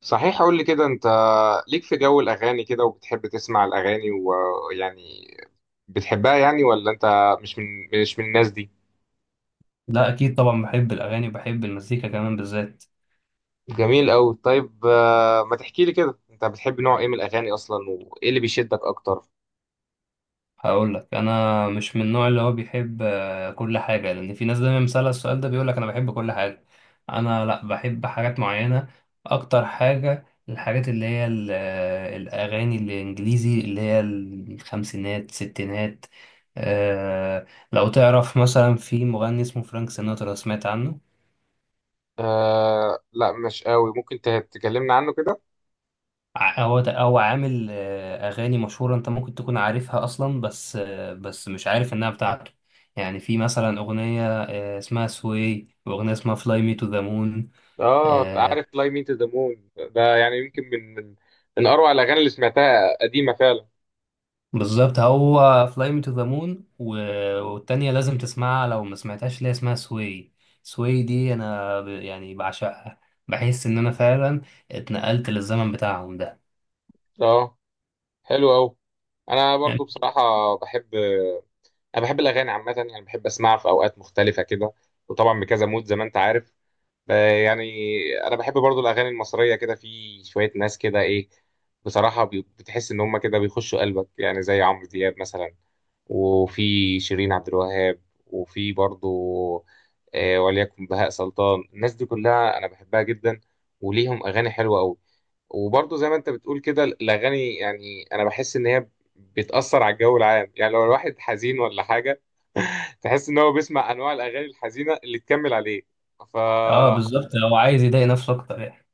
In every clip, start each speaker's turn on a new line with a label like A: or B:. A: صحيح، قول لي كده، انت ليك في جو الاغاني كده وبتحب تسمع الاغاني ويعني بتحبها يعني، ولا انت مش من مش من الناس دي؟
B: لا، اكيد طبعا بحب الاغاني وبحب المزيكا كمان. بالذات
A: جميل قوي. طيب ما تحكي لي كده، انت بتحب نوع ايه من الاغاني اصلا وايه اللي بيشدك اكتر؟
B: هقول لك، انا مش من النوع اللي هو بيحب كل حاجه، لان في ناس دايما مسألة السؤال ده بيقول لك انا بحب كل حاجه. انا لا، بحب حاجات معينه. اكتر حاجه الحاجات اللي هي الاغاني الانجليزي اللي هي الخمسينات ستينات. آه، لو تعرف مثلا في مغني اسمه فرانك سيناترا، سمعت عنه؟
A: آه لا، مش قوي. ممكن تكلمنا عنه كده.
B: هو عامل أغاني مشهورة أنت ممكن تكون عارفها أصلا، بس بس مش عارف إنها بتاعته. يعني في مثلا أغنية اسمها سوي، وأغنية اسمها فلاي مي تو ذا مون.
A: اه عارف Fly Me to the Moon. ده يعني يمكن من اروع الاغاني اللي سمعتها، قديمة فعلا.
B: بالظبط، هو فلاي مي تو ذا مون، والتانية لازم تسمعها لو ما سمعتهاش، اللي هي اسمها سوي. سوي دي أنا يعني بعشقها. بحس إن أنا فعلا اتنقلت للزمن بتاعهم ده
A: اه، حلو قوي. انا
B: يعني.
A: برضو بصراحة انا بحب الاغاني عامه، يعني بحب اسمعها في اوقات مختلفه كده، وطبعا بكذا مود زي ما انت عارف. ب- يعني انا بحب برضو الاغاني المصريه، كده في شويه ناس كده ايه، بصراحه بتحس ان هم كده بيخشوا قلبك، يعني زي عمرو دياب مثلا، وفي شيرين عبد الوهاب، وفي برضو وليكن بهاء سلطان. الناس دي كلها انا بحبها جدا وليهم اغاني حلوه قوي. وبرضو زي ما انت بتقول كده، الاغاني يعني انا بحس ان هي بتأثر على الجو العام. يعني لو الواحد حزين ولا حاجة، تحس إن هو بيسمع أنواع الأغاني الحزينة اللي تكمل عليه. فا
B: اه بالظبط، هو عايز يضايق نفسه أكتر يعني.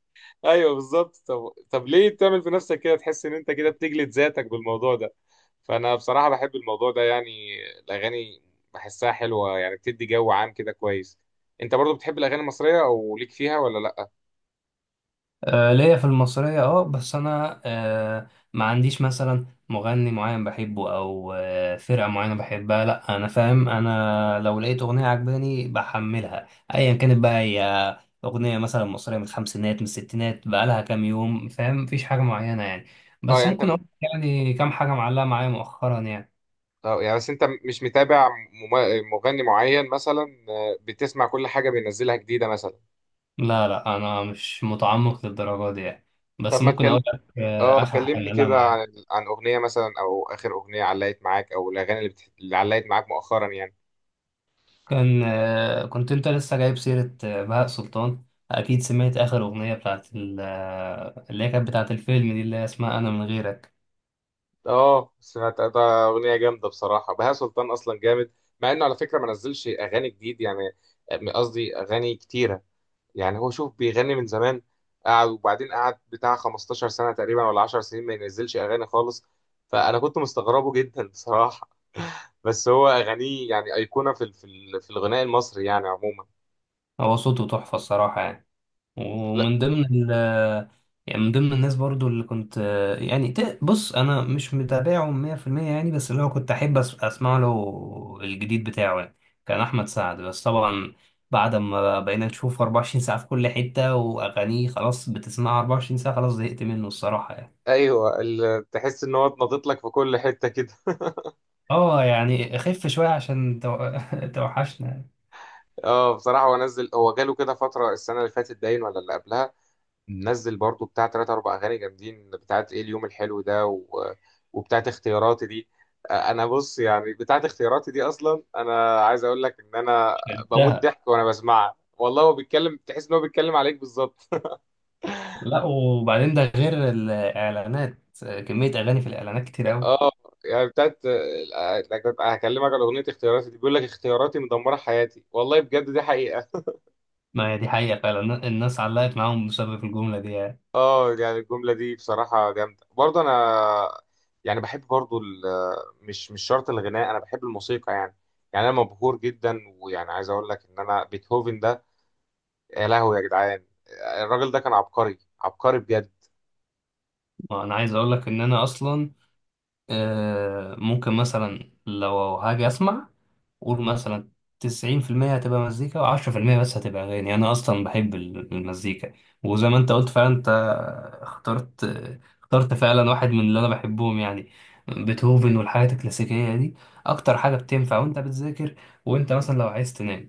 A: أيوه، بالظبط. طب ليه تعمل في نفسك كده؟ تحس إن أنت كده بتجلد ذاتك بالموضوع ده. فأنا بصراحة بحب الموضوع ده يعني، الأغاني بحسها حلوة، يعني بتدي جو عام كده كويس. أنت برضو بتحب الأغاني المصرية أو ليك فيها، ولا لأ؟
B: ليا في المصرية اه، بس انا ما عنديش مثلا مغني معين بحبه، او فرقة معينة بحبها. لا انا فاهم، انا لو لقيت اغنية عجباني بحملها ايا كانت بقى هي. اغنية مثلا مصرية من الخمسينات، من الستينات بقالها كام يوم، فاهم. مفيش حاجة معينة يعني،
A: أه
B: بس
A: يعني
B: ممكن
A: أنت
B: اقول يعني كام حاجة معلقة معايا مؤخرا يعني.
A: أه يعني بس أنت مش متابع مغني معين مثلا، بتسمع كل حاجة بينزلها جديدة مثلا؟
B: لا لا، انا مش متعمق للدرجة دي يعني،
A: طب
B: بس
A: ما
B: ممكن
A: تكلمني،
B: اقول لك
A: اه
B: اخر حاجة
A: كلمني
B: معلقة
A: كده
B: معايا.
A: عن اغنيه مثلا، او اخر اغنيه علقت معاك، او الاغاني اللي علقت معاك مؤخرا يعني.
B: كان كنت انت لسه جايب سيرة بهاء سلطان. اكيد سمعت اخر اغنية بتاعت اللي هي كانت بتاعت الفيلم دي، اللي هي اسمها انا من غيرك.
A: اه سمعت ده، اغنيه جامده بصراحه. بهاء سلطان اصلا جامد، مع انه على فكره ما نزلش اغاني جديد يعني، قصدي اغاني كتيره. يعني هو شوف، بيغني من زمان، قعد وبعدين قعد بتاع 15 سنه تقريبا ولا 10 سنين ما ينزلش اغاني خالص. فانا كنت مستغربه جدا بصراحه. بس هو اغانيه يعني ايقونه في في الغناء المصري يعني عموما.
B: هو صوته تحفة الصراحة يعني. ومن ضمن ال آه، يعني من ضمن الناس برضو اللي كنت بص انا مش متابعه 100% يعني، بس اللي هو كنت احب اسمع له الجديد بتاعه يعني. كان احمد سعد، بس طبعا بعد ما بقينا نشوفه 24 ساعة في كل حتة، واغانيه خلاص بتسمعها 24 ساعة، خلاص زهقت منه الصراحة يعني.
A: ايوه تحس ان هو اتنطط لك في كل حته كده.
B: اه يعني خف شوية عشان توحشنا.
A: اه بصراحه هو جاله كده فتره السنه اللي فاتت باين، ولا اللي قبلها. نزل برضو بتاع تلاتة اربع اغاني جامدين، بتاعت ايه، اليوم الحلو ده و... وبتاعت اختياراتي دي. انا بص يعني، بتاعت اختياراتي دي اصلا، انا عايز اقول لك ان انا بموت
B: شربتها.
A: ضحك وانا بسمعها. والله هو بيتكلم، تحس ان هو بيتكلم عليك بالظبط.
B: لا وبعدين ده غير الإعلانات، كمية أغاني في الإعلانات كتير أوي.
A: اه يعني بتاعت آه، هكلمك على اغنيه اختياراتي دي. بيقول لك اختياراتي مدمره حياتي، والله بجد دي حقيقه.
B: ما هي دي حقيقة فعلا، الناس علقت معاهم بسبب الجملة دي يعني.
A: اه يعني الجملة دي بصراحة جامدة برضه. انا يعني بحب برضه مش شرط الغناء، انا بحب الموسيقى يعني انا مبهور جدا، ويعني عايز اقول لك ان انا بيتهوفن ده، يا لهوي يا جدعان، الراجل ده كان عبقري عبقري بجد.
B: ما أنا عايز أقولك إن أنا أصلا ممكن مثلا لو هاجي أسمع، قول مثلا تسعين في المية هتبقى مزيكا، وعشرة في المية بس هتبقى أغاني. أنا أصلا بحب المزيكا. وزي ما أنت قلت فعلا، أنت اخترت اخترت فعلا واحد من اللي أنا بحبهم يعني، بيتهوفن والحاجات الكلاسيكية دي. أكتر حاجة بتنفع وأنت بتذاكر، وأنت مثلا لو عايز تنام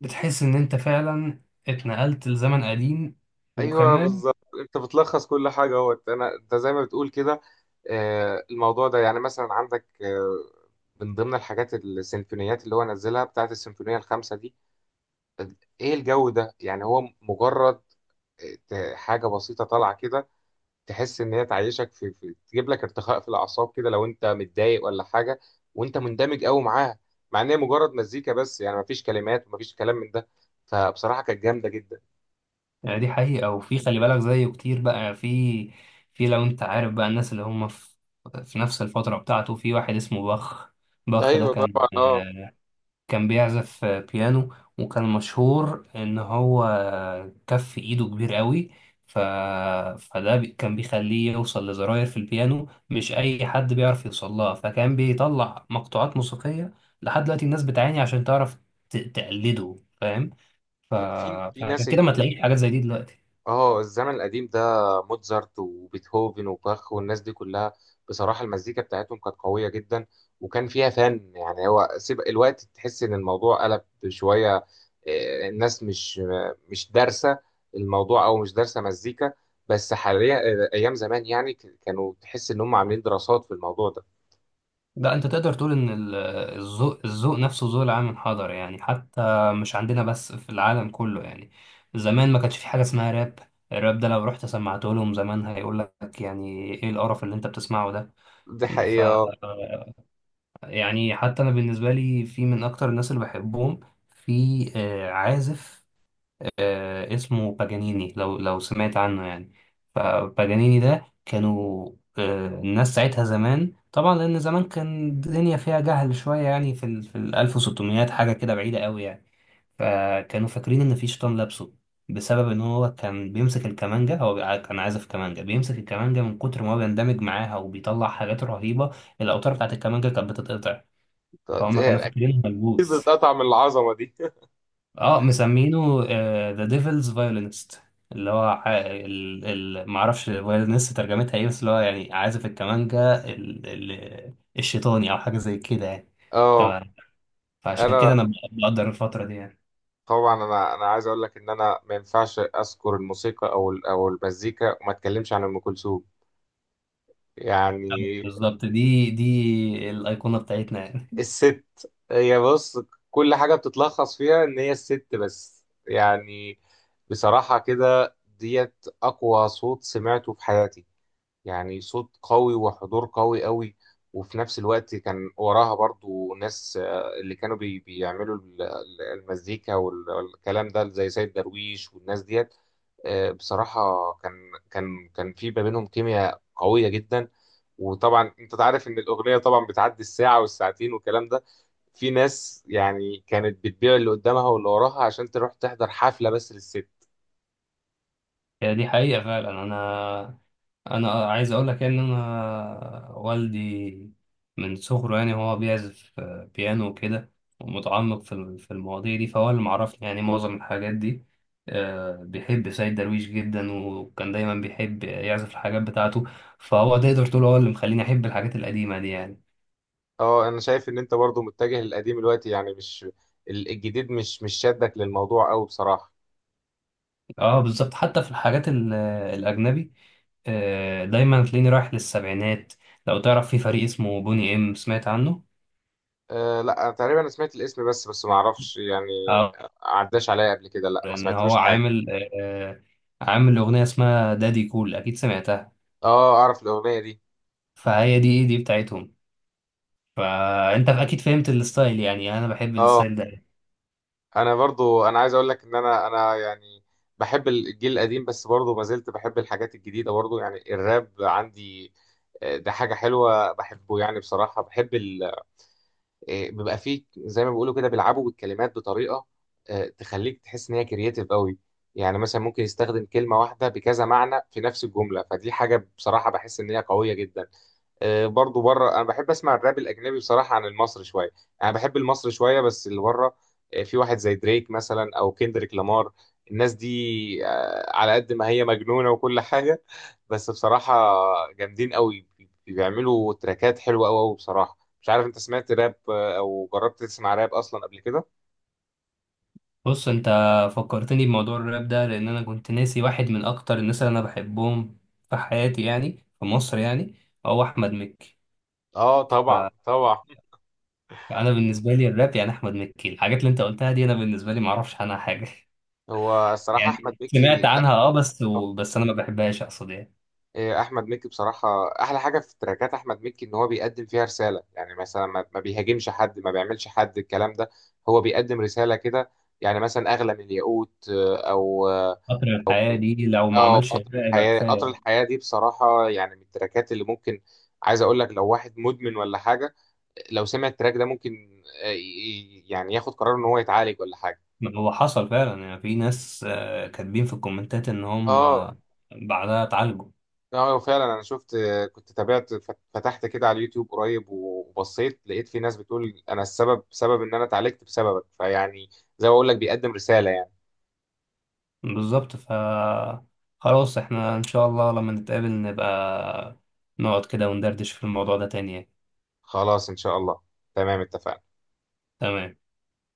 B: بتحس إن أنت فعلا اتنقلت لزمن قديم.
A: ايوه
B: وكمان
A: بالظبط، انت بتلخص كل حاجة اهوت. انا انت زي ما بتقول كده، الموضوع ده يعني مثلا عندك من ضمن الحاجات السيمفونيات اللي هو نزلها، بتاعت السيمفونية الخامسة دي، ايه الجو ده يعني. هو مجرد حاجه بسيطه طالعه كده، تحس ان هي تعيشك في تجيب لك ارتخاء في الاعصاب كده، لو انت متضايق ولا حاجه، وانت مندمج قوي معاها. مع ان هي مجرد مزيكا بس يعني، مفيش كلمات ومفيش كلام من ده. فبصراحه كانت جامده جدا.
B: يعني دي حقيقة، وفي خلي بالك زيه كتير بقى. في لو انت عارف بقى الناس اللي هم في نفس الفترة بتاعته، في واحد اسمه باخ. باخ ده
A: ايوه
B: كان
A: طبعا. اه،
B: كان بيعزف بيانو، وكان مشهور ان هو كف ايده كبير قوي. ف... فده كان بيخليه يوصل لزراير في البيانو مش اي حد بيعرف يوصل لها، فكان بيطلع مقطوعات موسيقية لحد دلوقتي الناس بتعاني عشان تعرف تقلده، فاهم. ف...
A: في
B: فعشان
A: ناس.
B: كده ما تلاقيش حاجات زي دي دلوقتي.
A: اه، الزمن القديم ده، موتزارت وبيتهوفن وباخ والناس دي كلها، بصراحة المزيكا بتاعتهم كانت قوية جدا وكان فيها فن. يعني هو سيب الوقت، تحس ان الموضوع قلب شوية. الناس مش دارسة الموضوع، او مش دارسة مزيكا بس حاليا، ايام زمان يعني كانوا تحس ان هم عاملين دراسات في الموضوع ده.
B: لا، انت تقدر تقول ان الذوق نفسه ذوق العام انحدر يعني، حتى مش عندنا بس، في العالم كله يعني. زمان ما كانش في حاجه اسمها راب، الراب ده لو رحت سمعته لهم زمان هيقول لك يعني ايه القرف اللي انت بتسمعه ده.
A: دي
B: ف
A: حقيقة.
B: يعني حتى انا بالنسبه لي، في من اكتر الناس اللي بحبهم، في عازف اسمه باجانيني، لو سمعت عنه يعني. فباجانيني ده كانوا الناس ساعتها زمان طبعا، لأن زمان كان الدنيا فيها جهل شوية يعني، في ال في ال 1600، حاجة كده بعيدة قوي يعني. فكانوا فاكرين إن في شيطان لابسه، بسبب إن هو كان بيمسك الكمانجة. هو كان عازف كمانجة، بيمسك الكمانجة من كتر ما هو بيندمج معاها، وبيطلع حاجات رهيبة. الأوتار بتاعت الكمانجة كانت بتتقطع، فهم كانوا فاكرينه
A: اكيد،
B: ملبوس.
A: بتقطع من العظمة دي.
B: اه، مسمينه ذا ديفلز فايولينست، اللي هو معرفش فايولينست ترجمتها ايه، بس اللي هو يعني عازف الكمانجا الشيطاني، او حاجه زي كده يعني.
A: اه،
B: تمام. فعشان كده
A: انا
B: انا بقدر الفتره دي يعني.
A: طبعا، انا عايز اقول لك ان انا ما ينفعش اذكر الموسيقى او او المزيكا وما اتكلمش عن ام كلثوم. يعني
B: بالظبط، دي الايقونه بتاعتنا يعني.
A: الست، هي بص، كل حاجه بتتلخص فيها ان هي الست بس يعني. بصراحه كده ديت اقوى صوت سمعته في حياتي، يعني صوت قوي، وحضور قوي قوي. وفي نفس الوقت كان وراها برضو ناس، اللي كانوا بيعملوا المزيكا والكلام ده، زي سيد درويش والناس ديت. بصراحة كان في ما بينهم كيمياء قوية جدا. وطبعا انت عارف ان الاغنية طبعا بتعدي الساعة والساعتين والكلام ده. في ناس يعني كانت بتبيع اللي قدامها واللي وراها عشان تروح تحضر حفلة بس للست.
B: هي دي حقيقه فعلا. انا عايز اقول لك يعني ان انا والدي من صغره، يعني هو بيعزف بيانو وكده، ومتعمق في في المواضيع دي، فهو اللي معرفني يعني معظم الحاجات دي. بيحب سيد درويش جدا، وكان دايما بيحب يعزف الحاجات بتاعته، فهو تقدر تقول هو اللي مخليني احب الحاجات القديمة دي يعني.
A: اه انا شايف ان انت برضو متجه للقديم دلوقتي يعني، مش الجديد مش شادك للموضوع قوي بصراحة.
B: اه بالظبط، حتى في الحاجات الاجنبي. دايما تلاقيني رايح للسبعينات. لو تعرف في فريق اسمه بوني ام، سمعت عنه؟
A: أه لا، تقريبا انا سمعت الاسم بس ما اعرفش يعني، عداش عليا قبل كده. لا ما
B: ان هو
A: سمعتلوش حاجة.
B: عامل عامل اغنيه اسمها دادي كول، اكيد سمعتها.
A: اه اعرف الاغنية دي.
B: فهي دي بتاعتهم، فانت اكيد فهمت الستايل يعني، انا بحب
A: اه
B: الستايل ده.
A: انا برضو، انا عايز اقول لك ان انا يعني بحب الجيل القديم بس برضو ما زلت بحب الحاجات الجديدة برضو. يعني الراب عندي ده حاجة حلوة، بحبه يعني. بصراحة بحب بيبقى فيه زي ما بيقولوا كده، بيلعبوا بالكلمات بطريقه تخليك تحس ان هي كرييتيف قوي. يعني مثلا ممكن يستخدم كلمه واحده بكذا معنى في نفس الجمله، فدي حاجه بصراحه بحس ان هي قويه جدا. برضو بره، انا بحب اسمع الراب الاجنبي بصراحه عن المصري شويه. انا بحب المصري شويه بس اللي بره في واحد زي دريك مثلا، او كيندريك لامار. الناس دي على قد ما هي مجنونه وكل حاجه، بس بصراحه جامدين قوي، بيعملوا تراكات حلوه قوي قوي بصراحه. مش عارف انت سمعت راب او جربت تسمع راب اصلا قبل كده؟
B: بص انت فكرتني بموضوع الراب ده، لان انا كنت ناسي واحد من اكتر الناس اللي انا بحبهم في حياتي يعني، في مصر يعني، هو احمد مكي.
A: اه طبعا
B: فانا
A: طبعا.
B: بالنسبه لي الراب يعني احمد مكي، الحاجات اللي انت قلتها دي انا بالنسبه لي ما اعرفش عنها حاجه
A: هو الصراحه احمد
B: يعني سمعت
A: مكي،
B: عنها اه، بس بس انا ما بحبهاش، اقصد يعني.
A: احمد مكي بصراحه، احلى حاجه في تراكات احمد مكي ان هو بيقدم فيها رساله. يعني مثلا ما بيهاجمش حد، ما بيعملش حد، الكلام ده. هو بيقدم رساله كده. يعني مثلا اغلى من الياقوت، آه، او اه
B: قطر الحياه دي لو ما
A: أو
B: عملش
A: قطر
B: الراب يبقى
A: الحياه. قطر
B: كفايه.
A: الحياه دي بصراحه يعني من التراكات اللي ممكن، عايز اقول لك لو واحد مدمن ولا حاجه، لو سمع التراك ده ممكن يعني ياخد قرار ان هو يتعالج ولا حاجه.
B: هو حصل فعلا، يعني في ناس كاتبين في الكومنتات ان هم
A: اه
B: بعدها اتعالجوا.
A: اه، فعلا انا شفت، كنت تابعت، فتحت كده على اليوتيوب قريب وبصيت، لقيت في ناس بتقول انا السبب، سبب ان انا اتعالجت بسببك. فيعني زي ما اقول لك، بيقدم رسالة يعني.
B: بالظبط. ف خلاص احنا ان شاء الله لما نتقابل نبقى نقعد كده وندردش في الموضوع ده تاني يعني.
A: خلاص ان شاء الله. تمام اتفقنا.
B: تمام.